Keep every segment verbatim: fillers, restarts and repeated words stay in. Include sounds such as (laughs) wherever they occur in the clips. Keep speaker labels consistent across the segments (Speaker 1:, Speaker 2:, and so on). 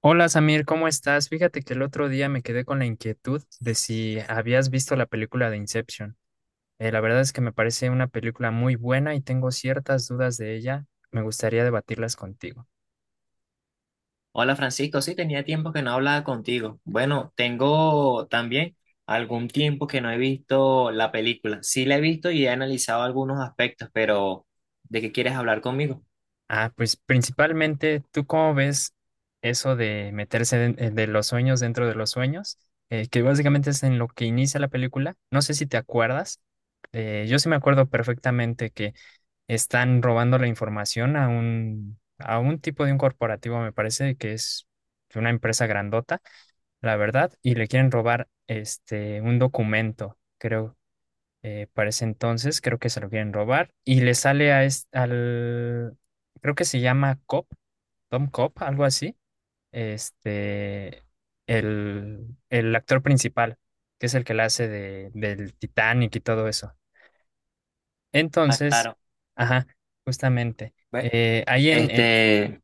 Speaker 1: Hola Samir, ¿cómo estás? Fíjate que el otro día me quedé con la inquietud de si habías visto la película de Inception. Eh, la verdad es que me parece una película muy buena y tengo ciertas dudas de ella. Me gustaría debatirlas contigo.
Speaker 2: Hola Francisco, sí, tenía tiempo que no hablaba contigo. Bueno, tengo también algún tiempo que no he visto la película. Sí la he visto y he analizado algunos aspectos, pero ¿de qué quieres hablar conmigo?
Speaker 1: Ah, pues principalmente, ¿tú cómo ves eso de meterse den- eh, de, los sueños dentro de los sueños? Eh, que básicamente es en lo que inicia la película. No sé si te acuerdas. Eh, yo sí me acuerdo perfectamente que están robando la información a un, a un tipo de un corporativo, me parece que es una empresa grandota, la verdad, y le quieren robar este un documento, creo, eh, para ese entonces, creo que se lo quieren robar, y le sale a es- al, creo que se llama Cop, Tom Cop, algo así, este, el, el actor principal, que es el que la hace de, del Titanic y todo eso.
Speaker 2: Ah,
Speaker 1: Entonces,
Speaker 2: claro.
Speaker 1: ajá, justamente.
Speaker 2: Ve-
Speaker 1: Eh, ahí en eh,
Speaker 2: Este,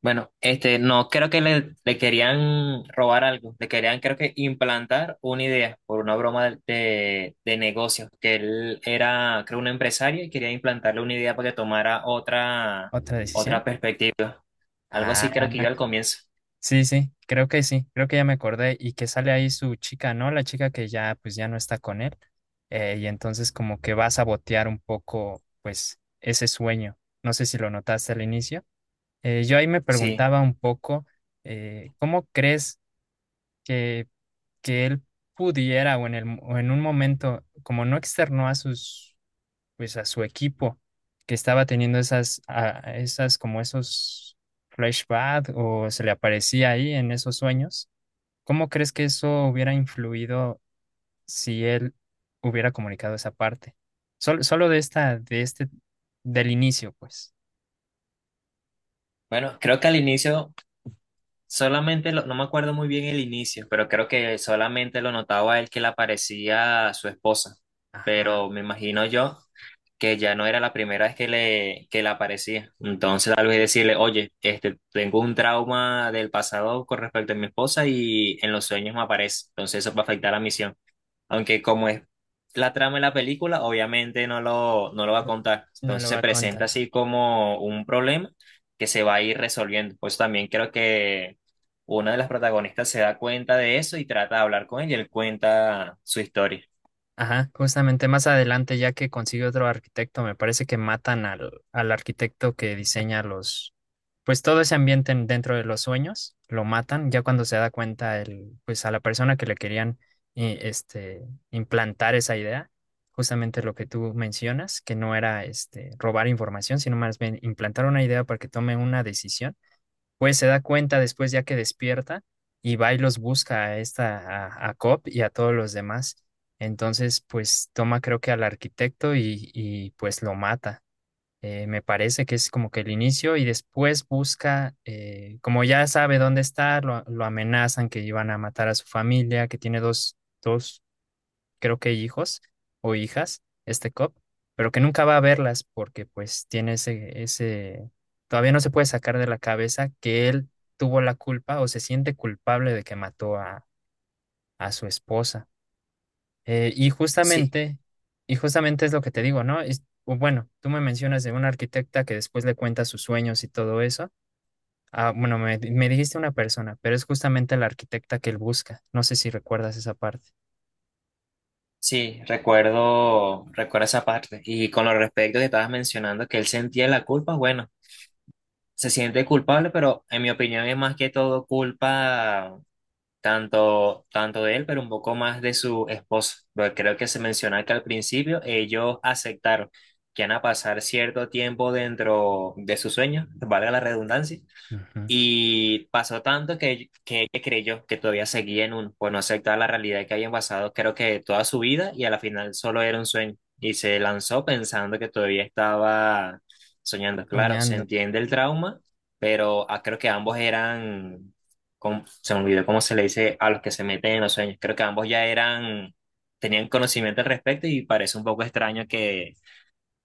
Speaker 2: bueno, este, no, creo que le, le querían robar algo, le querían creo que implantar una idea por una broma de, de, de negocios, que él era, creo, un empresario y quería implantarle una idea para que tomara otra,
Speaker 1: otra
Speaker 2: otra
Speaker 1: decisión.
Speaker 2: perspectiva. Algo así
Speaker 1: Ah,
Speaker 2: creo que yo al comienzo.
Speaker 1: sí, sí, creo que sí, creo que ya me acordé y que sale ahí su chica, ¿no? La chica que ya, pues ya no está con él. Eh, y entonces como que va a sabotear un poco, pues, ese sueño. No sé si lo notaste al inicio. Eh, yo ahí me
Speaker 2: Sí.
Speaker 1: preguntaba un poco, eh, ¿cómo crees que, que él pudiera o en el, mo- o en un momento, como no externó a sus pues a su equipo que estaba teniendo esas, a- esas como esos flashbacks o se le aparecía ahí en esos sueños. ¿Cómo crees que eso hubiera influido si él hubiera comunicado esa parte? Solo, solo de esta, de este, del inicio, pues.
Speaker 2: Bueno, creo que al inicio solamente lo- no me acuerdo muy bien el inicio, pero creo que solamente lo notaba él que le aparecía a su esposa.
Speaker 1: Ajá.
Speaker 2: Pero me imagino yo que ya no era la primera vez que le, que le aparecía. Entonces tal vez decirle, oye, este, tengo un trauma del pasado con respecto a mi esposa y en los sueños me aparece. Entonces eso va a afectar la misión. Aunque como es la trama de la película, obviamente no lo, no lo va a contar.
Speaker 1: No
Speaker 2: Entonces
Speaker 1: lo va
Speaker 2: se
Speaker 1: a
Speaker 2: presenta
Speaker 1: contar.
Speaker 2: así como un problema que se va a ir resolviendo. Pues también creo que una de las protagonistas se da cuenta de eso y trata de hablar con él y él cuenta su historia.
Speaker 1: Ajá, justamente más adelante, ya que consigue otro arquitecto, me parece que matan al, al arquitecto que diseña los, pues todo ese ambiente en- dentro de los sueños, lo matan, ya cuando se da cuenta el, pues a la persona que le querían eh, este, implantar esa idea, justamente lo que tú mencionas, que no era este robar información, sino más bien implantar una idea para que tome una decisión pues se da cuenta después ya que despierta y va y los busca a esta, a, a Cobb y a todos los demás. Entonces, pues toma creo que al arquitecto y, y pues lo mata. Eh, me parece que es como que el inicio y después busca, eh, como ya sabe dónde está, lo, lo amenazan que iban a matar a su familia, que tiene dos, dos creo que hijos o hijas, este cop, pero que nunca va a verlas porque pues tiene ese, ese, todavía no se puede sacar de la cabeza que él tuvo la culpa o se siente culpable de que mató a, a su esposa. Eh, y
Speaker 2: Sí,
Speaker 1: justamente, y justamente es lo que te digo, ¿no? Es- o bueno, tú me mencionas de una arquitecta que después le cuenta sus sueños y todo eso. Ah, bueno, me, me dijiste una persona, pero es justamente la arquitecta que él busca. No sé si recuerdas esa parte.
Speaker 2: sí, recuerdo, recuerdo esa parte. Y con lo respecto que estabas mencionando que él sentía la culpa, bueno, se siente culpable, pero en mi opinión es más que todo culpa tanto, tanto de él, pero un poco más de su esposa. Porque creo que se menciona que al principio ellos aceptaron que van a pasar cierto tiempo dentro de su sueño, valga la redundancia,
Speaker 1: Ujú.
Speaker 2: y pasó tanto que, que ella creyó que todavía seguía en uno, pues no aceptaba la realidad que había pasado, creo que toda su vida, y a la final solo era un sueño. Y se lanzó pensando que todavía estaba soñando. Claro, se
Speaker 1: Soñando.
Speaker 2: entiende el trauma, pero ah, creo que ambos eran, com- se me olvidó cómo se le dice a los que se meten en los sueños. Creo que ambos ya eran, tenían conocimiento al respecto y parece un poco extraño que,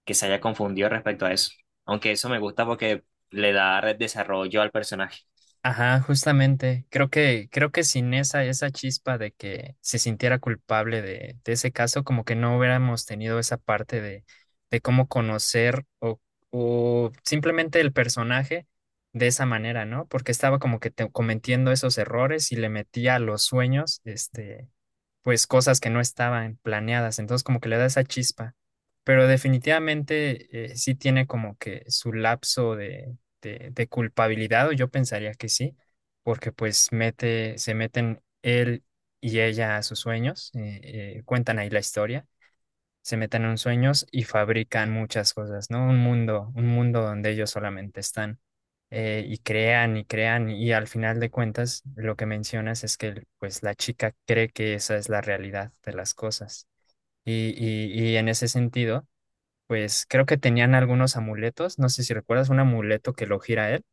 Speaker 2: que se haya confundido respecto a eso. Aunque eso me gusta porque le da desarrollo al personaje.
Speaker 1: Ajá, justamente. Creo que, creo que sin esa, esa chispa de que se sintiera culpable de, de ese caso, como que no hubiéramos tenido esa parte de, de cómo conocer o, o simplemente el personaje de esa manera, ¿no? Porque estaba como que te- cometiendo esos errores y le metía a los sueños, este, pues cosas que no estaban planeadas, entonces como que le da esa chispa, pero definitivamente eh, sí tiene como que su lapso de, de, de culpabilidad, o yo pensaría que sí, porque pues mete, se meten él y ella a sus sueños, eh, eh, cuentan ahí la historia, se meten en sueños y fabrican muchas cosas, ¿no? Un mundo, un mundo donde ellos solamente están eh, y crean y crean y al final de cuentas lo que mencionas es que pues la chica cree que esa es la realidad de las cosas y, y, y en ese sentido pues creo que tenían algunos amuletos, no sé si recuerdas un amuleto que lo gira él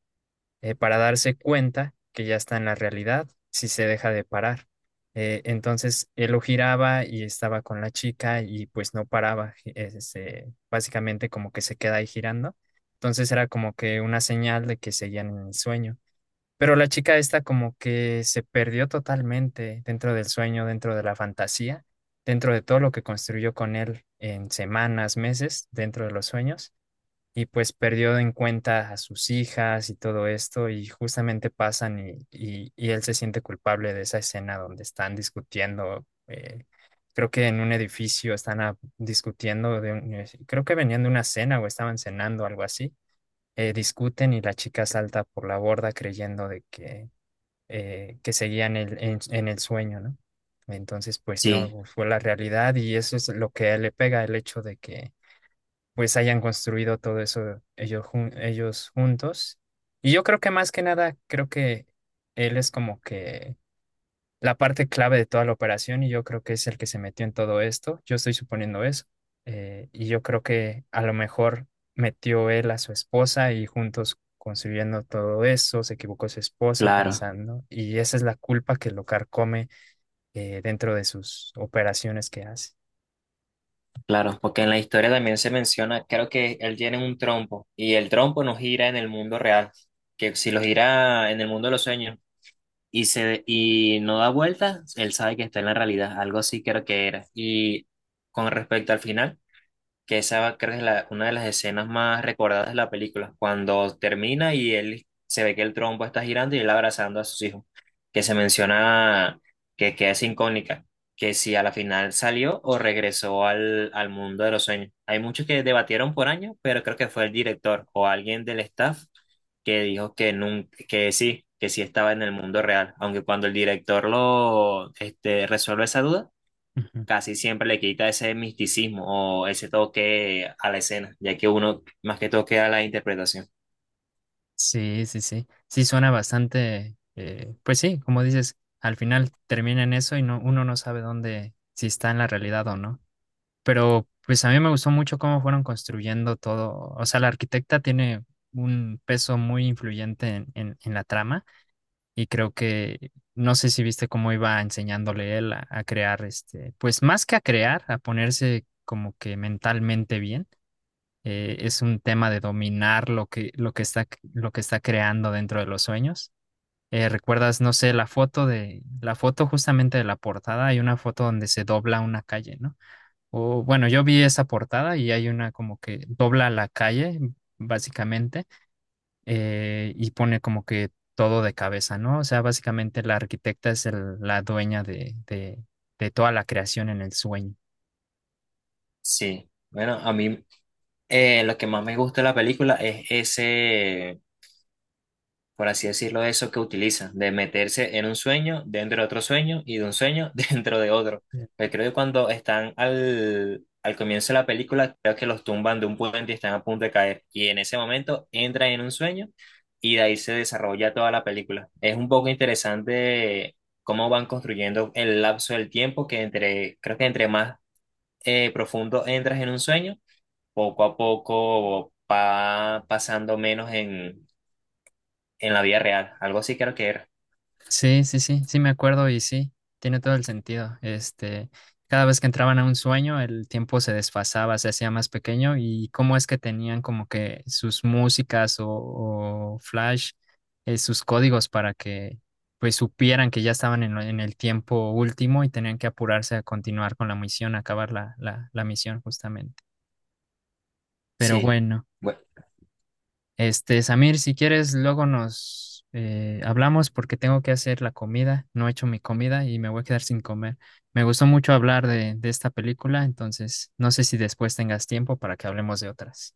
Speaker 1: eh, para darse cuenta que ya está en la realidad si se deja de parar. Eh, entonces él lo giraba y estaba con la chica y pues no paraba, gi- este, básicamente como que se queda ahí girando. Entonces era como que una señal de que seguían en el sueño. Pero la chica esta como que se perdió totalmente dentro del sueño, dentro de la fantasía, dentro de todo lo que construyó con él en semanas, meses, dentro de los sueños y pues perdió en cuenta a sus hijas y todo esto y justamente pasan y, y- y él se siente culpable de esa escena donde están discutiendo, eh, creo que en un edificio están a- discutiendo, de un- eh, creo que venían de una cena o estaban cenando, algo así, eh, discuten y la chica salta por la borda creyendo de que, eh, que seguían el- en, en el sueño, ¿no? Entonces, pues
Speaker 2: Sí,
Speaker 1: no, fue la realidad y eso es lo que a él le pega, el hecho de que pues hayan construido todo eso ellos, jun- ellos juntos. Y yo creo que más que nada, creo que él es como que la parte clave de toda la operación y yo creo que es el que se metió en todo esto. Yo estoy suponiendo eso. Eh, y yo creo que a lo mejor metió él a su esposa y juntos construyendo todo eso, se equivocó su esposa
Speaker 2: claro,
Speaker 1: pensando, y esa es la culpa que lo carcome eh, dentro de sus operaciones que hace.
Speaker 2: claro, porque en la historia también se menciona, creo que él tiene un trompo y el trompo no gira en el mundo real, que si lo gira en el mundo de los sueños y se y no da vueltas, él sabe que está en la realidad, algo así creo que era. Y con respecto al final, que esa creo que es la- una de las escenas más recordadas de la película, cuando termina y él se ve que el trompo está girando y él abrazando a sus hijos, que se menciona que, que es incógnita, que si a la final salió o regresó al, al mundo de los sueños. Hay muchos que debatieron por años, pero creo que fue el director o alguien del staff que dijo que nun- que sí, que sí estaba en el mundo real, aunque cuando el director lo este, resuelve esa duda
Speaker 1: Ujú.
Speaker 2: casi siempre le quita ese misticismo o ese toque a la escena, ya que uno más que toque a la interpretación.
Speaker 1: Sí, sí, sí. Sí, suena bastante, eh, pues sí, como dices, al final termina en eso y no, uno no sabe dónde, si está en la realidad o no. Pero pues a mí me gustó mucho cómo fueron construyendo todo. O sea, la arquitecta tiene un peso muy influyente en, en, en la trama y creo que, no sé si viste cómo iba enseñándole él a, a crear, este, pues más que a crear, a ponerse como que mentalmente bien eh, es un tema de dominar lo que, lo que está, lo que está creando dentro de los sueños. Eh, ¿recuerdas, no sé, la foto de, la foto justamente de la portada? Hay una foto donde se dobla una calle, ¿no? O bueno, yo vi esa portada y hay una como que dobla la calle, básicamente, eh, y pone como que todo de cabeza, ¿no? O sea, básicamente la arquitecta es el- la dueña de, de, de toda la creación en el sueño.
Speaker 2: Sí, bueno, a mí eh, lo que más me gusta de la película es ese, por así decirlo, eso que utiliza, de meterse en un sueño, dentro de otro sueño y de un sueño (laughs) dentro de otro. Porque creo que cuando están al, al comienzo de la película, creo que los tumban de un puente y están a punto de caer. Y en ese momento entran en un sueño y de ahí se desarrolla toda la película. Es un poco interesante cómo van construyendo el lapso del tiempo, que entre, creo que entre más eh, profundo entras en un sueño, poco a poco va pasando menos en, en la vida real, algo así creo que era.
Speaker 1: Sí, sí, sí, sí me acuerdo y sí, tiene todo el sentido. Este, cada vez que entraban a un sueño, el tiempo se desfasaba, se hacía más pequeño y cómo es que tenían como que sus músicas o, o flash, eh, sus códigos para que pues supieran que ya estaban en, lo- en el tiempo último y tenían que apurarse a continuar con la misión, a acabar la, la, la misión justamente. Pero
Speaker 2: Sí.
Speaker 1: bueno.
Speaker 2: Bueno.
Speaker 1: Este, Samir, si quieres, luego nos eh, hablamos porque tengo que hacer la comida. No he hecho mi comida y me voy a quedar sin comer. Me gustó mucho hablar de, de esta película, entonces no sé si después tengas tiempo para que hablemos de otras.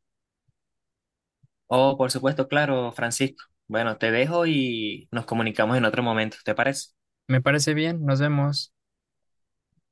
Speaker 2: Oh, por supuesto, claro, Francisco. Bueno, te dejo y nos comunicamos en otro momento, ¿te parece?
Speaker 1: Me parece bien, nos vemos.